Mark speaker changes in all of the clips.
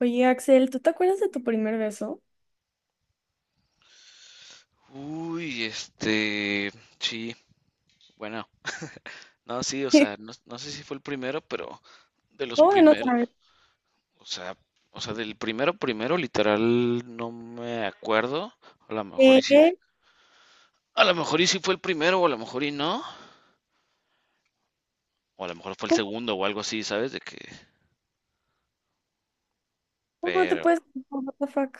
Speaker 1: Oye, Axel, ¿tú te acuerdas de tu primer beso?
Speaker 2: Uy, este, sí, bueno, no, sí, o sea, no, no sé si fue el primero, pero de los
Speaker 1: ¿Cómo que no
Speaker 2: primeros.
Speaker 1: sabes?
Speaker 2: O sea, o sea, del primero primero, literal, no me acuerdo. A lo mejor y sí.
Speaker 1: ¿Qué?
Speaker 2: A lo mejor y sí fue el primero, o a lo mejor y no, o a lo mejor fue el
Speaker 1: ¿Cómo,
Speaker 2: segundo o algo así, ¿sabes? De que,
Speaker 1: cómo no te
Speaker 2: pero
Speaker 1: puedes... No, what the fuck?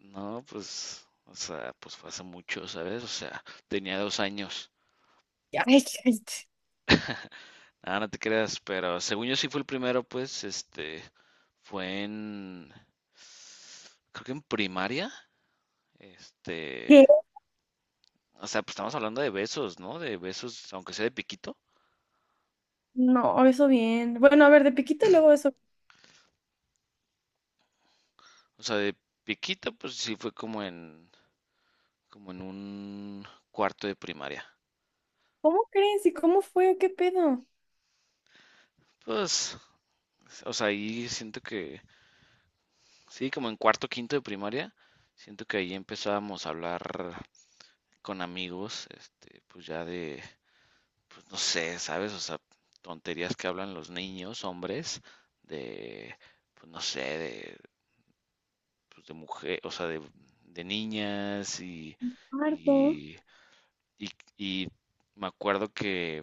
Speaker 2: no, pues fue hace mucho, ¿sabes? O sea, tenía 2 años.
Speaker 1: Ya, ay, ay,
Speaker 2: Nada, no te creas, pero según yo sí fue el primero, pues, este, fue en... creo que en primaria.
Speaker 1: ¿Qué?
Speaker 2: Este, o sea, pues estamos hablando de besos, ¿no? De besos, aunque sea de piquito.
Speaker 1: No, eso bien. Bueno, a ver, de piquito y luego eso.
Speaker 2: O sea, de piquito, pues sí fue como en, como en un cuarto de primaria.
Speaker 1: ¿Cómo crees? ¿Y cómo fue? ¿O qué pedo?
Speaker 2: Pues, o sea, ahí siento que sí, como en cuarto, quinto de primaria. Siento que ahí empezábamos a hablar con amigos, este, pues ya de, pues no sé, ¿sabes? O sea, tonterías que hablan los niños, hombres, de, pues no sé, de pues, de mujer, o sea, de niñas. y,
Speaker 1: Harto.
Speaker 2: y, y, y me acuerdo que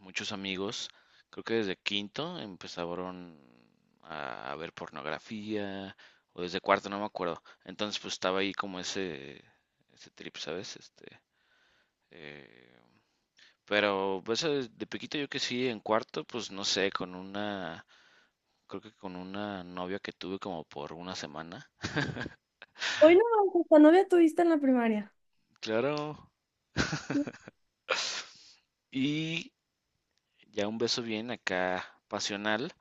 Speaker 2: muchos amigos, creo que desde quinto empezaron a ver pornografía o desde cuarto, no me acuerdo. Entonces pues estaba ahí como ese, trip, ¿sabes? Este, eh, pero pues de pequeñito yo que sí, en cuarto, pues no sé, con una, creo que con una novia que tuve como por una semana.
Speaker 1: Hoy no, hasta novia tuviste en la primaria.
Speaker 2: Claro.
Speaker 1: No
Speaker 2: Y ya un beso bien acá pasional,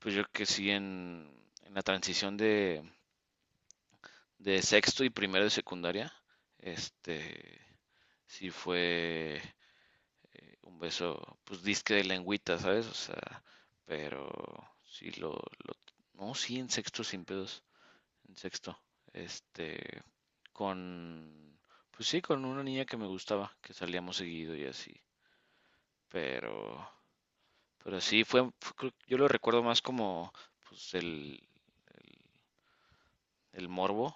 Speaker 2: pues yo que sí en la transición de sexto y primero de secundaria, este, sí fue un beso, pues disque de lengüita, ¿sabes? O sea, pero sí lo, no, sí en sexto sin pedos, en sexto, este, con, pues sí, con una niña que me gustaba, que salíamos seguido y así, pero. Pero sí, yo lo recuerdo más como pues, el, el morbo.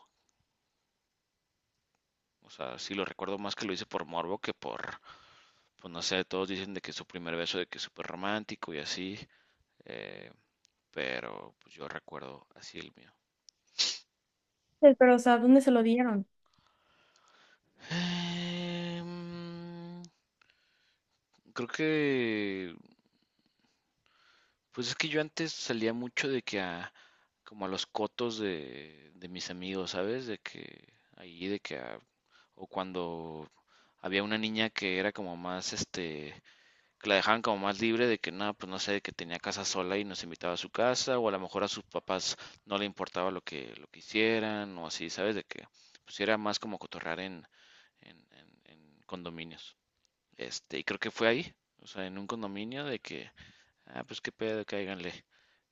Speaker 2: O sea, sí lo recuerdo más que lo hice por morbo que por, pues no sé. Todos dicen de que su primer beso, de que es súper romántico y así. eh, pero pues yo recuerdo así el mío.
Speaker 1: sé, pero, o sea, ¿dónde se lo dieron?
Speaker 2: Em, Creo que, pues es que yo antes salía mucho de que a, como a los cotos de mis amigos, ¿sabes? De que ahí, de que a. O cuando había una niña que era como más, este, que la dejaban como más libre de que nada, pues no sé, que tenía casa sola y nos invitaba a su casa, o a lo mejor a sus papás no le importaba lo que hicieran, o así, ¿sabes? De que pues sí era más como cotorrear en, en condominios. Este, y creo que fue ahí, o sea, en un condominio de que, ah, pues qué pedo, cáiganle,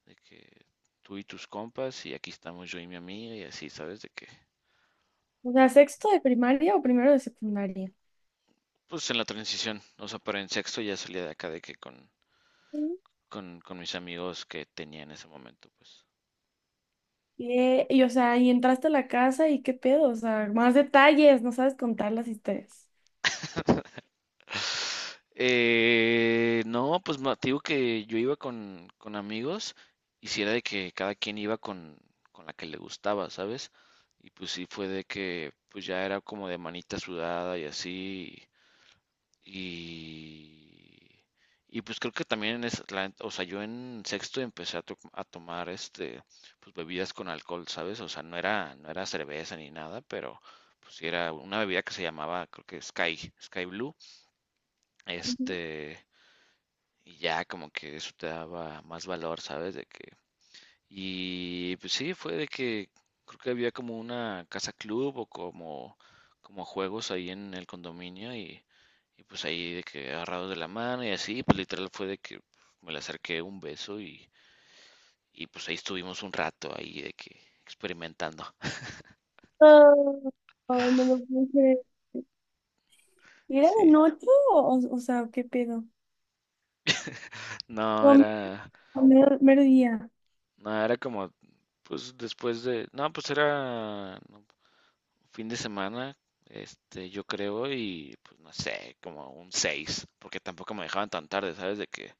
Speaker 2: de que tú y tus compas, y aquí estamos yo y mi amiga, y así, ¿sabes? De que
Speaker 1: O sea, ¿sexto de primaria o primero de secundaria?
Speaker 2: pues en la transición, o sea, pero en sexto ya salía de acá de que con
Speaker 1: Sí.
Speaker 2: con mis amigos que tenía en ese momento, pues.
Speaker 1: ¿Qué? Y, o sea, ¿y entraste a la casa y qué pedo? O sea, más detalles, no sabes contar las historias.
Speaker 2: No, pues te digo que yo iba con amigos y si era de que cada quien iba con la que le gustaba, ¿sabes? Y pues sí fue de que pues ya era como de manita sudada y así. Y, y pues creo que también es, o sea, yo en sexto empecé a tomar, este, pues bebidas con alcohol, ¿sabes? O sea, no era, no era cerveza ni nada, pero pues sí era una bebida que se llamaba, creo que Sky, Sky Blue. Este, y ya como que eso te daba más valor, ¿sabes? De que. Y pues sí, fue de que creo que había como una casa club o como, como juegos ahí en el condominio. Y, y pues ahí de que agarrados de la mano y así, pues literal fue de que me le acerqué un beso. Y, y pues ahí estuvimos un rato ahí de que experimentando.
Speaker 1: No, no lo puedo creer. ¿Era de
Speaker 2: Sí.
Speaker 1: noche o sea, ¿qué pedo?
Speaker 2: No, era,
Speaker 1: No, mero, mero día.
Speaker 2: no, era como, pues después de, no, pues era, no. Fin de semana, este, yo creo, y pues no sé, como un 6, porque tampoco me dejaban tan tarde, ¿sabes? De que,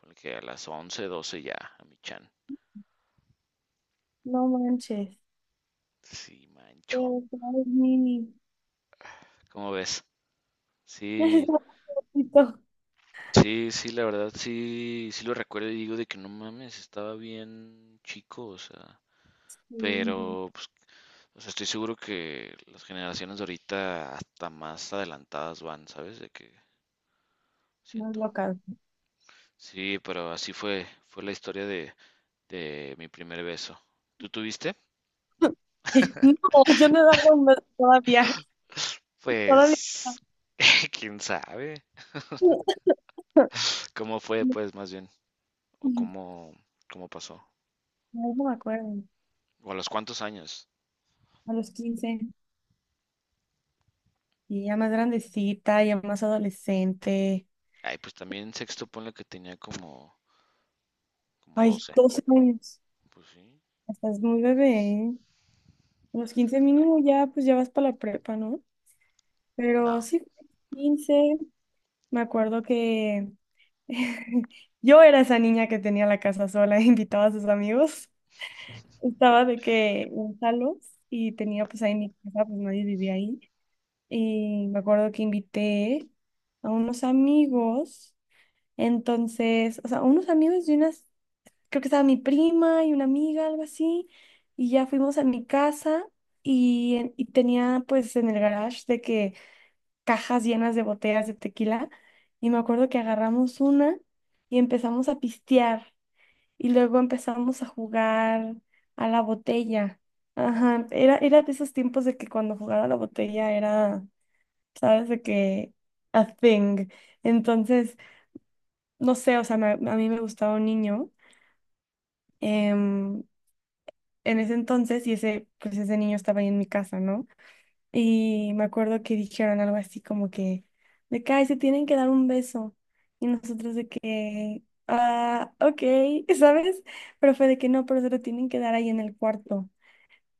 Speaker 2: porque a las 11, 12 ya, a mi chan.
Speaker 1: No manches.
Speaker 2: Sí, mancho.
Speaker 1: Pero claro, es mini.
Speaker 2: ¿Cómo ves?
Speaker 1: Es un
Speaker 2: Sí,
Speaker 1: poquito.
Speaker 2: sí, sí, la verdad, sí, sí lo recuerdo y digo de que no mames, estaba bien chico, o sea,
Speaker 1: Mm.
Speaker 2: pero, pues, o sea, estoy seguro que las generaciones de ahorita hasta más adelantadas van, ¿sabes? De que
Speaker 1: Más
Speaker 2: siento.
Speaker 1: local.
Speaker 2: Sí, pero así fue la historia de mi primer beso. ¿Tú tuviste?
Speaker 1: No, yo no daba un beso todavía. Todavía.
Speaker 2: Pues, quién sabe. ¿Cómo fue, pues, más bien? ¿O
Speaker 1: No,
Speaker 2: cómo, cómo pasó?
Speaker 1: no me acuerdo.
Speaker 2: ¿O a los cuántos años?
Speaker 1: A los 15. Y ya más grandecita, ya más adolescente.
Speaker 2: Ay, pues también en sexto ponle que tenía como, como
Speaker 1: Ay,
Speaker 2: 12.
Speaker 1: 12 años.
Speaker 2: Pues sí.
Speaker 1: Estás muy bebé. ¿Eh? Unos 15 mínimo ya, pues ya vas para la prepa, ¿no? Pero
Speaker 2: No.
Speaker 1: sí, 15. Me acuerdo que yo era esa niña que tenía la casa sola, invitaba a sus amigos. Estaba de que en salos y tenía pues ahí mi casa, pues nadie vivía ahí. Y me acuerdo que invité a unos amigos. Entonces, o sea, unos amigos de una, creo que estaba mi prima y una amiga, algo así, y ya fuimos a mi casa y, y tenía pues en el garage de que cajas llenas de botellas de tequila y me acuerdo que agarramos una y empezamos a pistear y luego empezamos a jugar a la botella. Ajá, era, era de esos tiempos de que cuando jugaba a la botella era, sabes, de que a thing. Entonces, no sé, o sea, a mí me gustaba un niño. em, en ese entonces y ese, pues ese niño estaba ahí en mi casa, ¿no? Y me acuerdo que dijeron algo así como que, de que, ay, se tienen que dar un beso. Y nosotros de que, ah, ok, ¿sabes? Pero fue de que no, pero se lo tienen que dar ahí en el cuarto.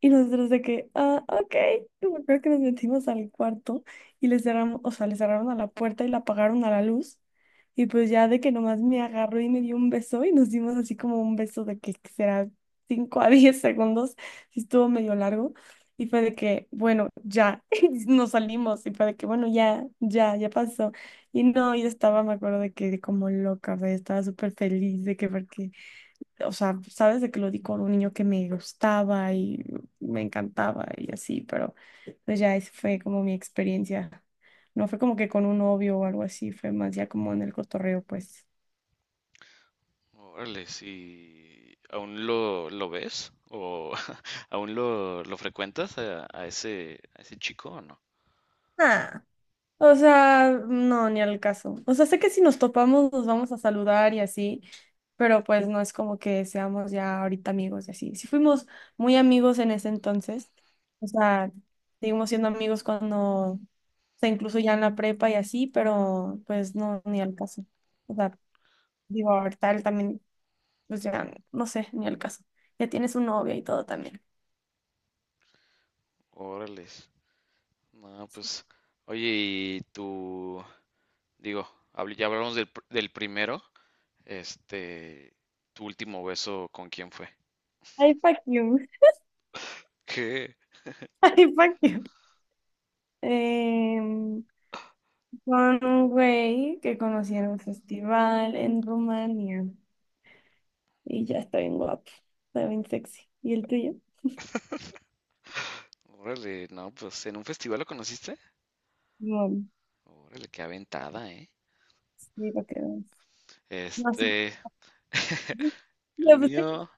Speaker 1: Y nosotros de que, ah, ok. Y me acuerdo que nos metimos al cuarto y les cerramos, o sea, le cerraron a la puerta y la apagaron a la luz. Y pues ya de que nomás me agarró y me dio un beso y nos dimos así como un beso de que será 5 a 10 segundos, sí estuvo medio largo. Y fue de que, bueno, ya, y nos salimos. Y fue de que, bueno, ya, ya, ya pasó. Y no, yo estaba, me acuerdo de que como loca, o sea, yo estaba súper feliz de que porque o sea, sabes de que lo di con un niño que me gustaba y me encantaba y así, pero pues ya esa fue como mi experiencia. No fue como que con un novio o algo así, fue más ya como en el cotorreo, pues.
Speaker 2: Órale, sí. ¿Aún lo ves? ¿O aún lo frecuentas a, a ese chico o no?
Speaker 1: Ah. O sea, no, ni al caso. O sea, sé que si nos topamos nos vamos a saludar y así, pero pues no es como que seamos ya ahorita amigos y así. Sí fuimos muy amigos en ese entonces. O sea, seguimos siendo amigos cuando, o sea, incluso ya en la prepa y así, pero pues no, ni al caso. O sea, digo, ahorita él también, pues ya, no sé, ni al caso. Ya tiene su novia y todo también.
Speaker 2: Órale. No, pues. Oye, y tú. Digo, ya hablamos del, del primero. Este, tu último beso, ¿con quién fue?
Speaker 1: Ay, fuck you.
Speaker 2: ¿Qué?
Speaker 1: Ay, fuck you. Con un güey que conocí en un festival en Rumania. Y ya está bien guapo, está bien sexy. ¿Y el tuyo?
Speaker 2: Órale, no, pues en un festival lo conociste.
Speaker 1: No,
Speaker 2: Órale, qué aventada, ¿eh?
Speaker 1: sí, para que veas. No sé.
Speaker 2: Este, el
Speaker 1: Ya, pues, sí.
Speaker 2: mío,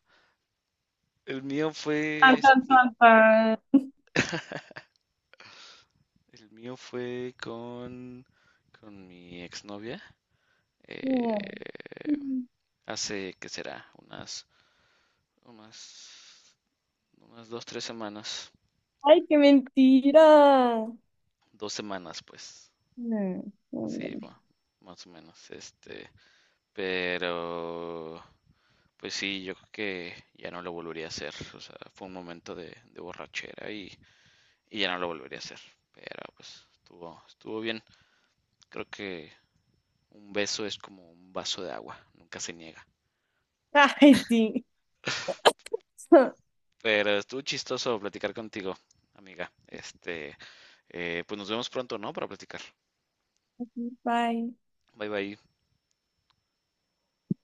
Speaker 2: el mío
Speaker 1: Tan,
Speaker 2: fue,
Speaker 1: tan,
Speaker 2: este,
Speaker 1: tan, tan.
Speaker 2: el mío fue con mi exnovia. eh,
Speaker 1: Mm.
Speaker 2: hace, ¿qué será? Unas, unas 2, 3 semanas.
Speaker 1: Ay, qué mentira. No,
Speaker 2: 2 semanas, pues.
Speaker 1: no, no.
Speaker 2: Sí,
Speaker 1: No.
Speaker 2: más o menos. Este, pero. Pues sí, yo creo que ya no lo volvería a hacer. O sea, fue un momento de borrachera y ya no lo volvería a hacer. Pero pues estuvo bien. Creo que un beso es como un vaso de agua, nunca se niega.
Speaker 1: Ay, sí.
Speaker 2: Pero estuvo chistoso platicar contigo, amiga. Este, pues nos vemos pronto, ¿no? Para platicar.
Speaker 1: Bye.
Speaker 2: Bye bye.